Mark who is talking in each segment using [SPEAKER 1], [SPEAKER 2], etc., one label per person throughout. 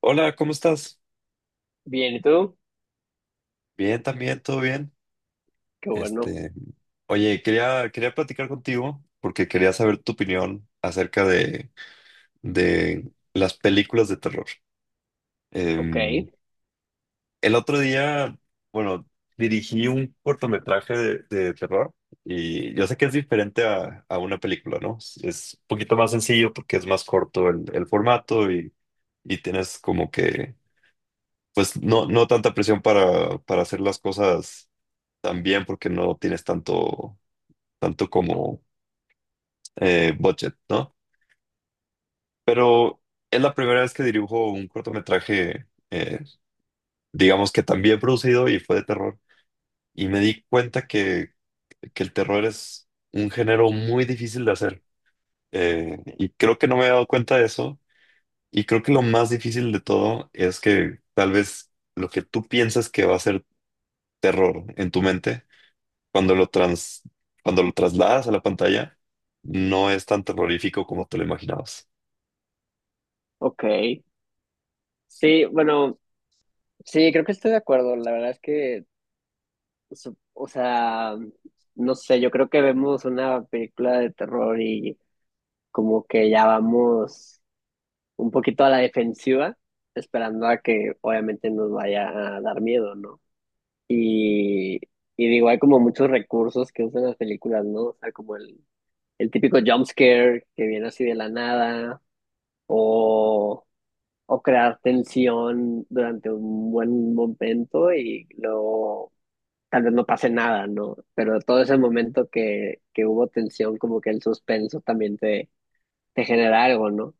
[SPEAKER 1] Hola, ¿cómo estás?
[SPEAKER 2] Bien, ¿y tú?
[SPEAKER 1] Bien, también, todo bien.
[SPEAKER 2] Qué bueno.
[SPEAKER 1] Este, oye, quería platicar contigo porque quería saber tu opinión acerca de las películas de terror.
[SPEAKER 2] Ok,
[SPEAKER 1] Em, el otro día, bueno, dirigí un cortometraje de terror y yo sé que es diferente a una película, ¿no? Es un poquito más sencillo porque es más corto el formato y tienes como que, pues, no tanta presión para hacer las cosas también porque no tienes tanto, tanto como budget, ¿no? Pero es la primera vez que dirijo un cortometraje, digamos que también producido y fue de terror. Y me di cuenta que el terror es un género muy difícil de hacer. Y creo que no me había dado cuenta de eso. Y creo que lo más difícil de todo es que tal vez lo que tú piensas que va a ser terror en tu mente cuando lo trans, cuando lo trasladas a la pantalla, no es tan terrorífico como te lo imaginabas.
[SPEAKER 2] ok. Sí, bueno, sí, creo que estoy de acuerdo. La verdad es que, o sea, no sé, yo creo que vemos una película de terror y como que ya vamos un poquito a la defensiva, esperando a que obviamente nos vaya a dar miedo, ¿no? Y, y digo, hay como muchos recursos que usan las películas, ¿no? O sea, como el típico jump scare que viene así de la nada. O o crear tensión durante un buen momento y luego tal vez no pase nada, ¿no? Pero todo ese momento que hubo tensión, como que el suspenso también te genera algo, ¿no?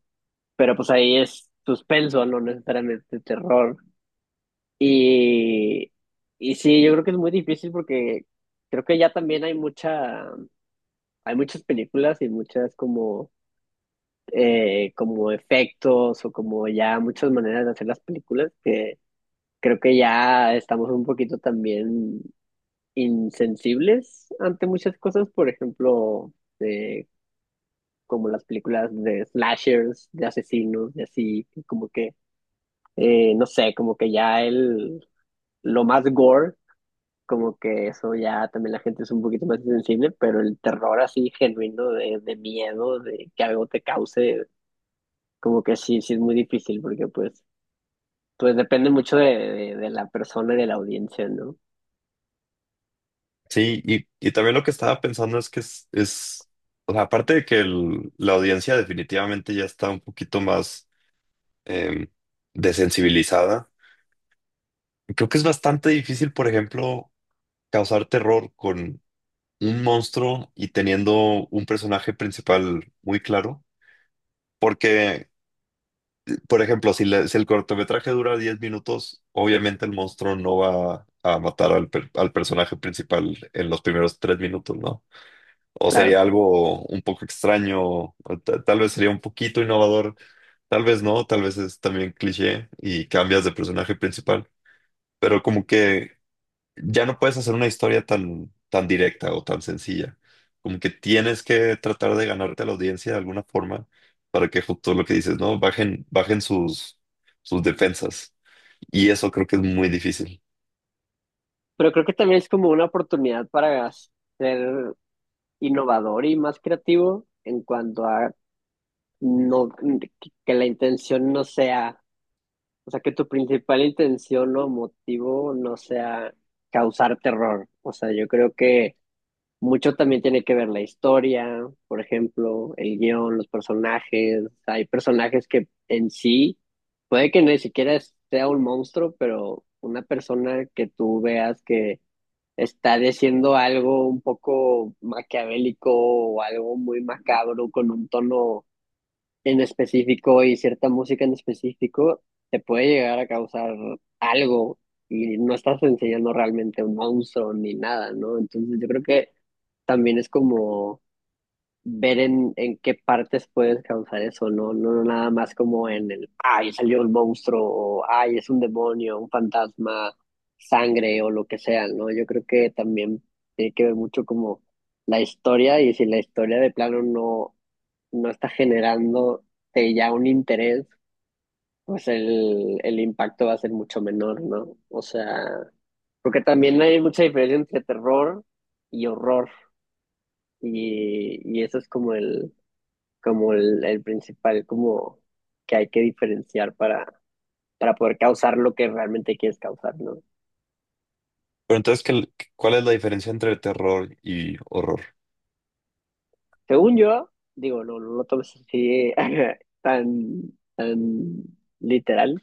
[SPEAKER 2] Pero pues ahí es suspenso, no necesariamente terror. Y, y sí, yo creo que es muy difícil porque creo que ya también hay hay muchas películas y muchas como efectos o como ya muchas maneras de hacer las películas que creo que ya estamos un poquito también insensibles ante muchas cosas. Por ejemplo, eh, como las películas de slashers, de asesinos, de así, que no sé, como que ya lo más gore, como que eso ya también la gente es un poquito más insensible, pero el terror así genuino de miedo, de que algo te cause, como que sí, sí es muy difícil, porque pues, pues depende mucho de, de la persona y de la audiencia, ¿no?
[SPEAKER 1] Sí, y también lo que estaba pensando es que es o sea, aparte de que la audiencia definitivamente ya está un poquito más eh, desensibilizada, creo que es bastante difícil, por ejemplo, causar terror con un monstruo y teniendo un personaje principal muy claro, porque por ejemplo, si, si el cortometraje dura 10 minutos, obviamente el monstruo no va a matar al, al personaje principal en los primeros 3 minutos, ¿no? O
[SPEAKER 2] Claro.
[SPEAKER 1] sería algo un poco extraño, o tal vez sería un poquito innovador, tal vez no, tal vez es también cliché y cambias de personaje principal, pero como que ya no puedes hacer una historia tan, tan directa o tan sencilla. Como que tienes que tratar de ganarte a la audiencia de alguna forma para que justo lo que dices, ¿no? Bajen, bajen sus, sus defensas. Y eso creo que es muy difícil.
[SPEAKER 2] Pero creo que también es como una oportunidad para ser innovador y más creativo en cuanto a no que que la intención no sea, o sea, que tu principal intención o motivo no sea causar terror. O sea, yo creo que mucho también tiene que ver la historia, por ejemplo, el guión, los personajes. Hay personajes que en sí puede que ni siquiera sea un monstruo, pero una persona que tú veas que estar haciendo algo un poco maquiavélico o algo muy macabro con un tono en específico y cierta música en específico, te puede llegar a causar algo y no estás enseñando realmente un monstruo ni nada, ¿no? Entonces yo creo que también es como ver en qué partes puede descansar eso. No, no, no nada más como en el, ay, salió el monstruo, o ay, es un demonio, un fantasma, sangre o lo que sea, ¿no? Yo creo que también tiene que ver mucho como la historia, y si la historia de plano no, no está generando ya un interés, pues el impacto va a ser mucho menor, ¿no? O sea, porque también hay mucha diferencia entre terror y horror, y eso es como el como el principal como que hay que diferenciar para poder causar lo que realmente quieres causar, ¿no?
[SPEAKER 1] Pero entonces, ¿cuál es la diferencia entre terror y horror?
[SPEAKER 2] Según yo, digo, no, no lo tomes así tan, tan literal,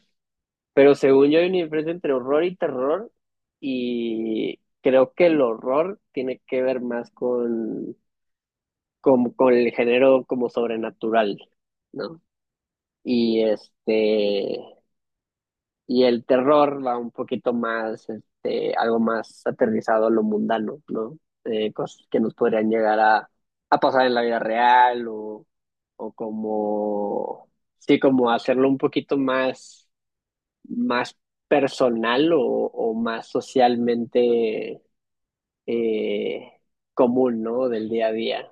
[SPEAKER 2] pero según yo hay una diferencia entre horror y terror y creo que el horror tiene que ver más con, con el género como sobrenatural, ¿no? Y y el terror va un poquito más, este, algo más aterrizado a lo mundano, ¿no? Cosas que nos podrían llegar a pasar en la vida real o como, sí, como hacerlo un poquito más, más personal o más socialmente eh, común, ¿no? Del día a día.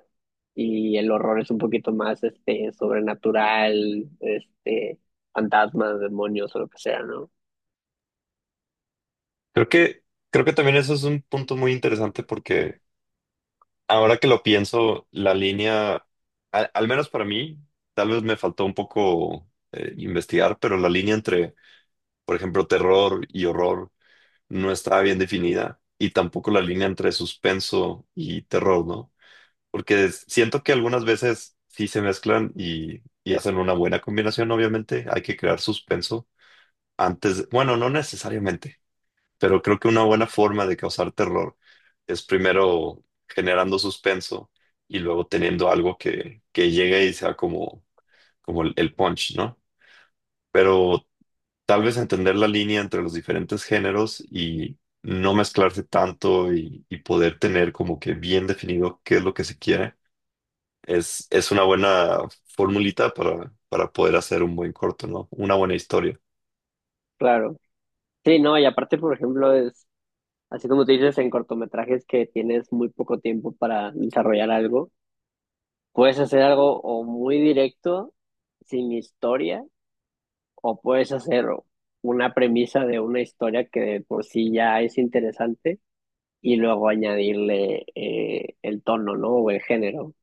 [SPEAKER 2] Y el horror es un poquito más, este, sobrenatural, este, fantasmas, demonios o lo que sea, ¿no?
[SPEAKER 1] Creo que, creo que también eso es un punto muy interesante porque ahora que lo pienso, la línea, al, al menos para mí, tal vez me faltó un poco investigar, pero la línea entre por ejemplo, terror y horror no estaba bien definida y tampoco la línea entre suspenso y terror, ¿no? Porque siento que algunas veces sí se mezclan y hacen una buena combinación, obviamente. Hay que crear suspenso antes, bueno, no necesariamente, pero creo que una buena forma de causar terror es primero generando suspenso y luego teniendo algo que llegue y sea como, como el punch, ¿no? Pero tal vez entender la línea entre los diferentes géneros y no mezclarse tanto y poder tener como que bien definido qué es lo que se quiere, es una buena formulita para poder hacer un buen corto, ¿no? Una buena historia.
[SPEAKER 2] Claro. Sí, no, y aparte, por ejemplo, es así como tú dices, en cortometrajes que tienes muy poco tiempo para desarrollar algo, puedes hacer algo o muy directo, sin historia, o puedes hacer una premisa de una historia que de por sí ya es interesante y luego añadirle el tono, ¿no? O el género.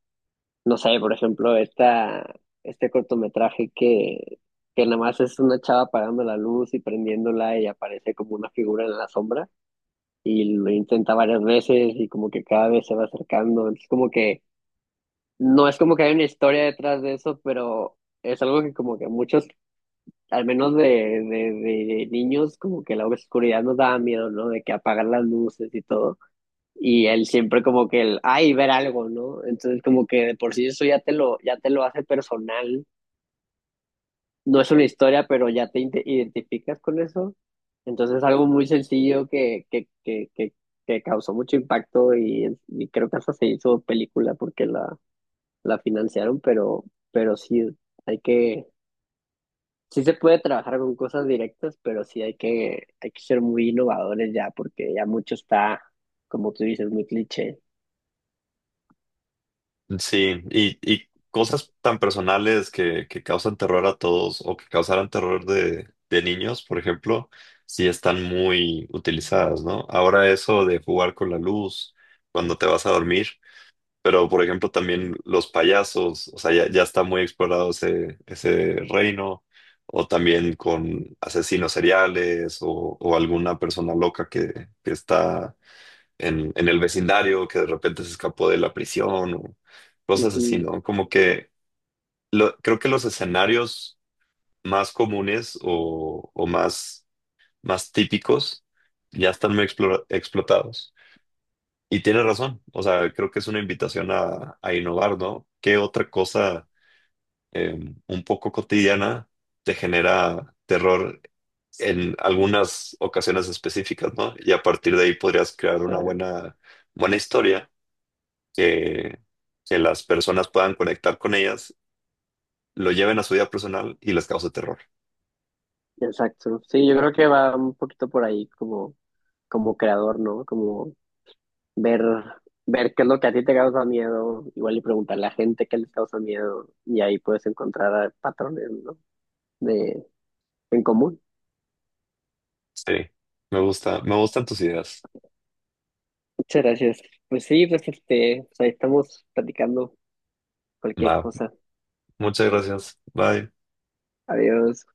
[SPEAKER 2] No sé, por ejemplo, este cortometraje que nada más es una chava apagando la luz y prendiéndola y aparece como una figura en la sombra, y lo intenta varias veces y como que cada vez se va acercando. Entonces como que no es como que hay una historia detrás de eso, pero es algo que como que muchos, al menos de, de niños, como que la oscuridad nos daba miedo, ¿no? De que apagar las luces y todo. Y él siempre como que el, ay, ver algo, ¿no? Entonces como que de por sí eso ya te lo hace personal. No es una historia, pero ya te identificas con eso. Entonces, algo muy sencillo que causó mucho impacto, y creo que hasta se hizo película porque la financiaron, pero sí hay que, sí se puede trabajar con cosas directas, pero sí hay hay que ser muy innovadores ya, porque ya mucho está, como tú dices, muy cliché.
[SPEAKER 1] Sí, y cosas tan personales que causan terror a todos o que causaran terror de niños, por ejemplo, sí están muy utilizadas, ¿no? Ahora eso de jugar con la luz cuando te vas a dormir. Pero, por ejemplo, también los payasos, o sea, ya, ya está muy explorado ese, ese reino, o también con asesinos seriales o alguna persona loca que está en el vecindario, que de repente se escapó de la prisión, o cosas así,
[SPEAKER 2] Ujú.
[SPEAKER 1] ¿no? Como que creo que los escenarios más comunes o más, más típicos ya están muy explotados. Y tiene razón, o sea, creo que es una invitación a innovar, ¿no? ¿Qué otra cosa eh, un poco cotidiana te genera terror en algunas ocasiones específicas, ¿no? Y a partir de ahí podrías
[SPEAKER 2] O
[SPEAKER 1] crear una
[SPEAKER 2] sea,
[SPEAKER 1] buena, buena historia que, que las personas puedan conectar con ellas, lo lleven a su vida personal y les cause terror.
[SPEAKER 2] exacto. Sí, yo creo que va un poquito por ahí como como creador, ¿no? Como ver, ver qué es lo que a ti te causa miedo, igual y preguntarle a la gente qué les causa miedo, y ahí puedes encontrar patrones, ¿no? De, en común.
[SPEAKER 1] Sí, me gusta, me gustan tus ideas.
[SPEAKER 2] Muchas gracias. Pues sí, pues este, pues ahí estamos platicando cualquier
[SPEAKER 1] Va,
[SPEAKER 2] cosa.
[SPEAKER 1] muchas gracias. Bye.
[SPEAKER 2] Adiós.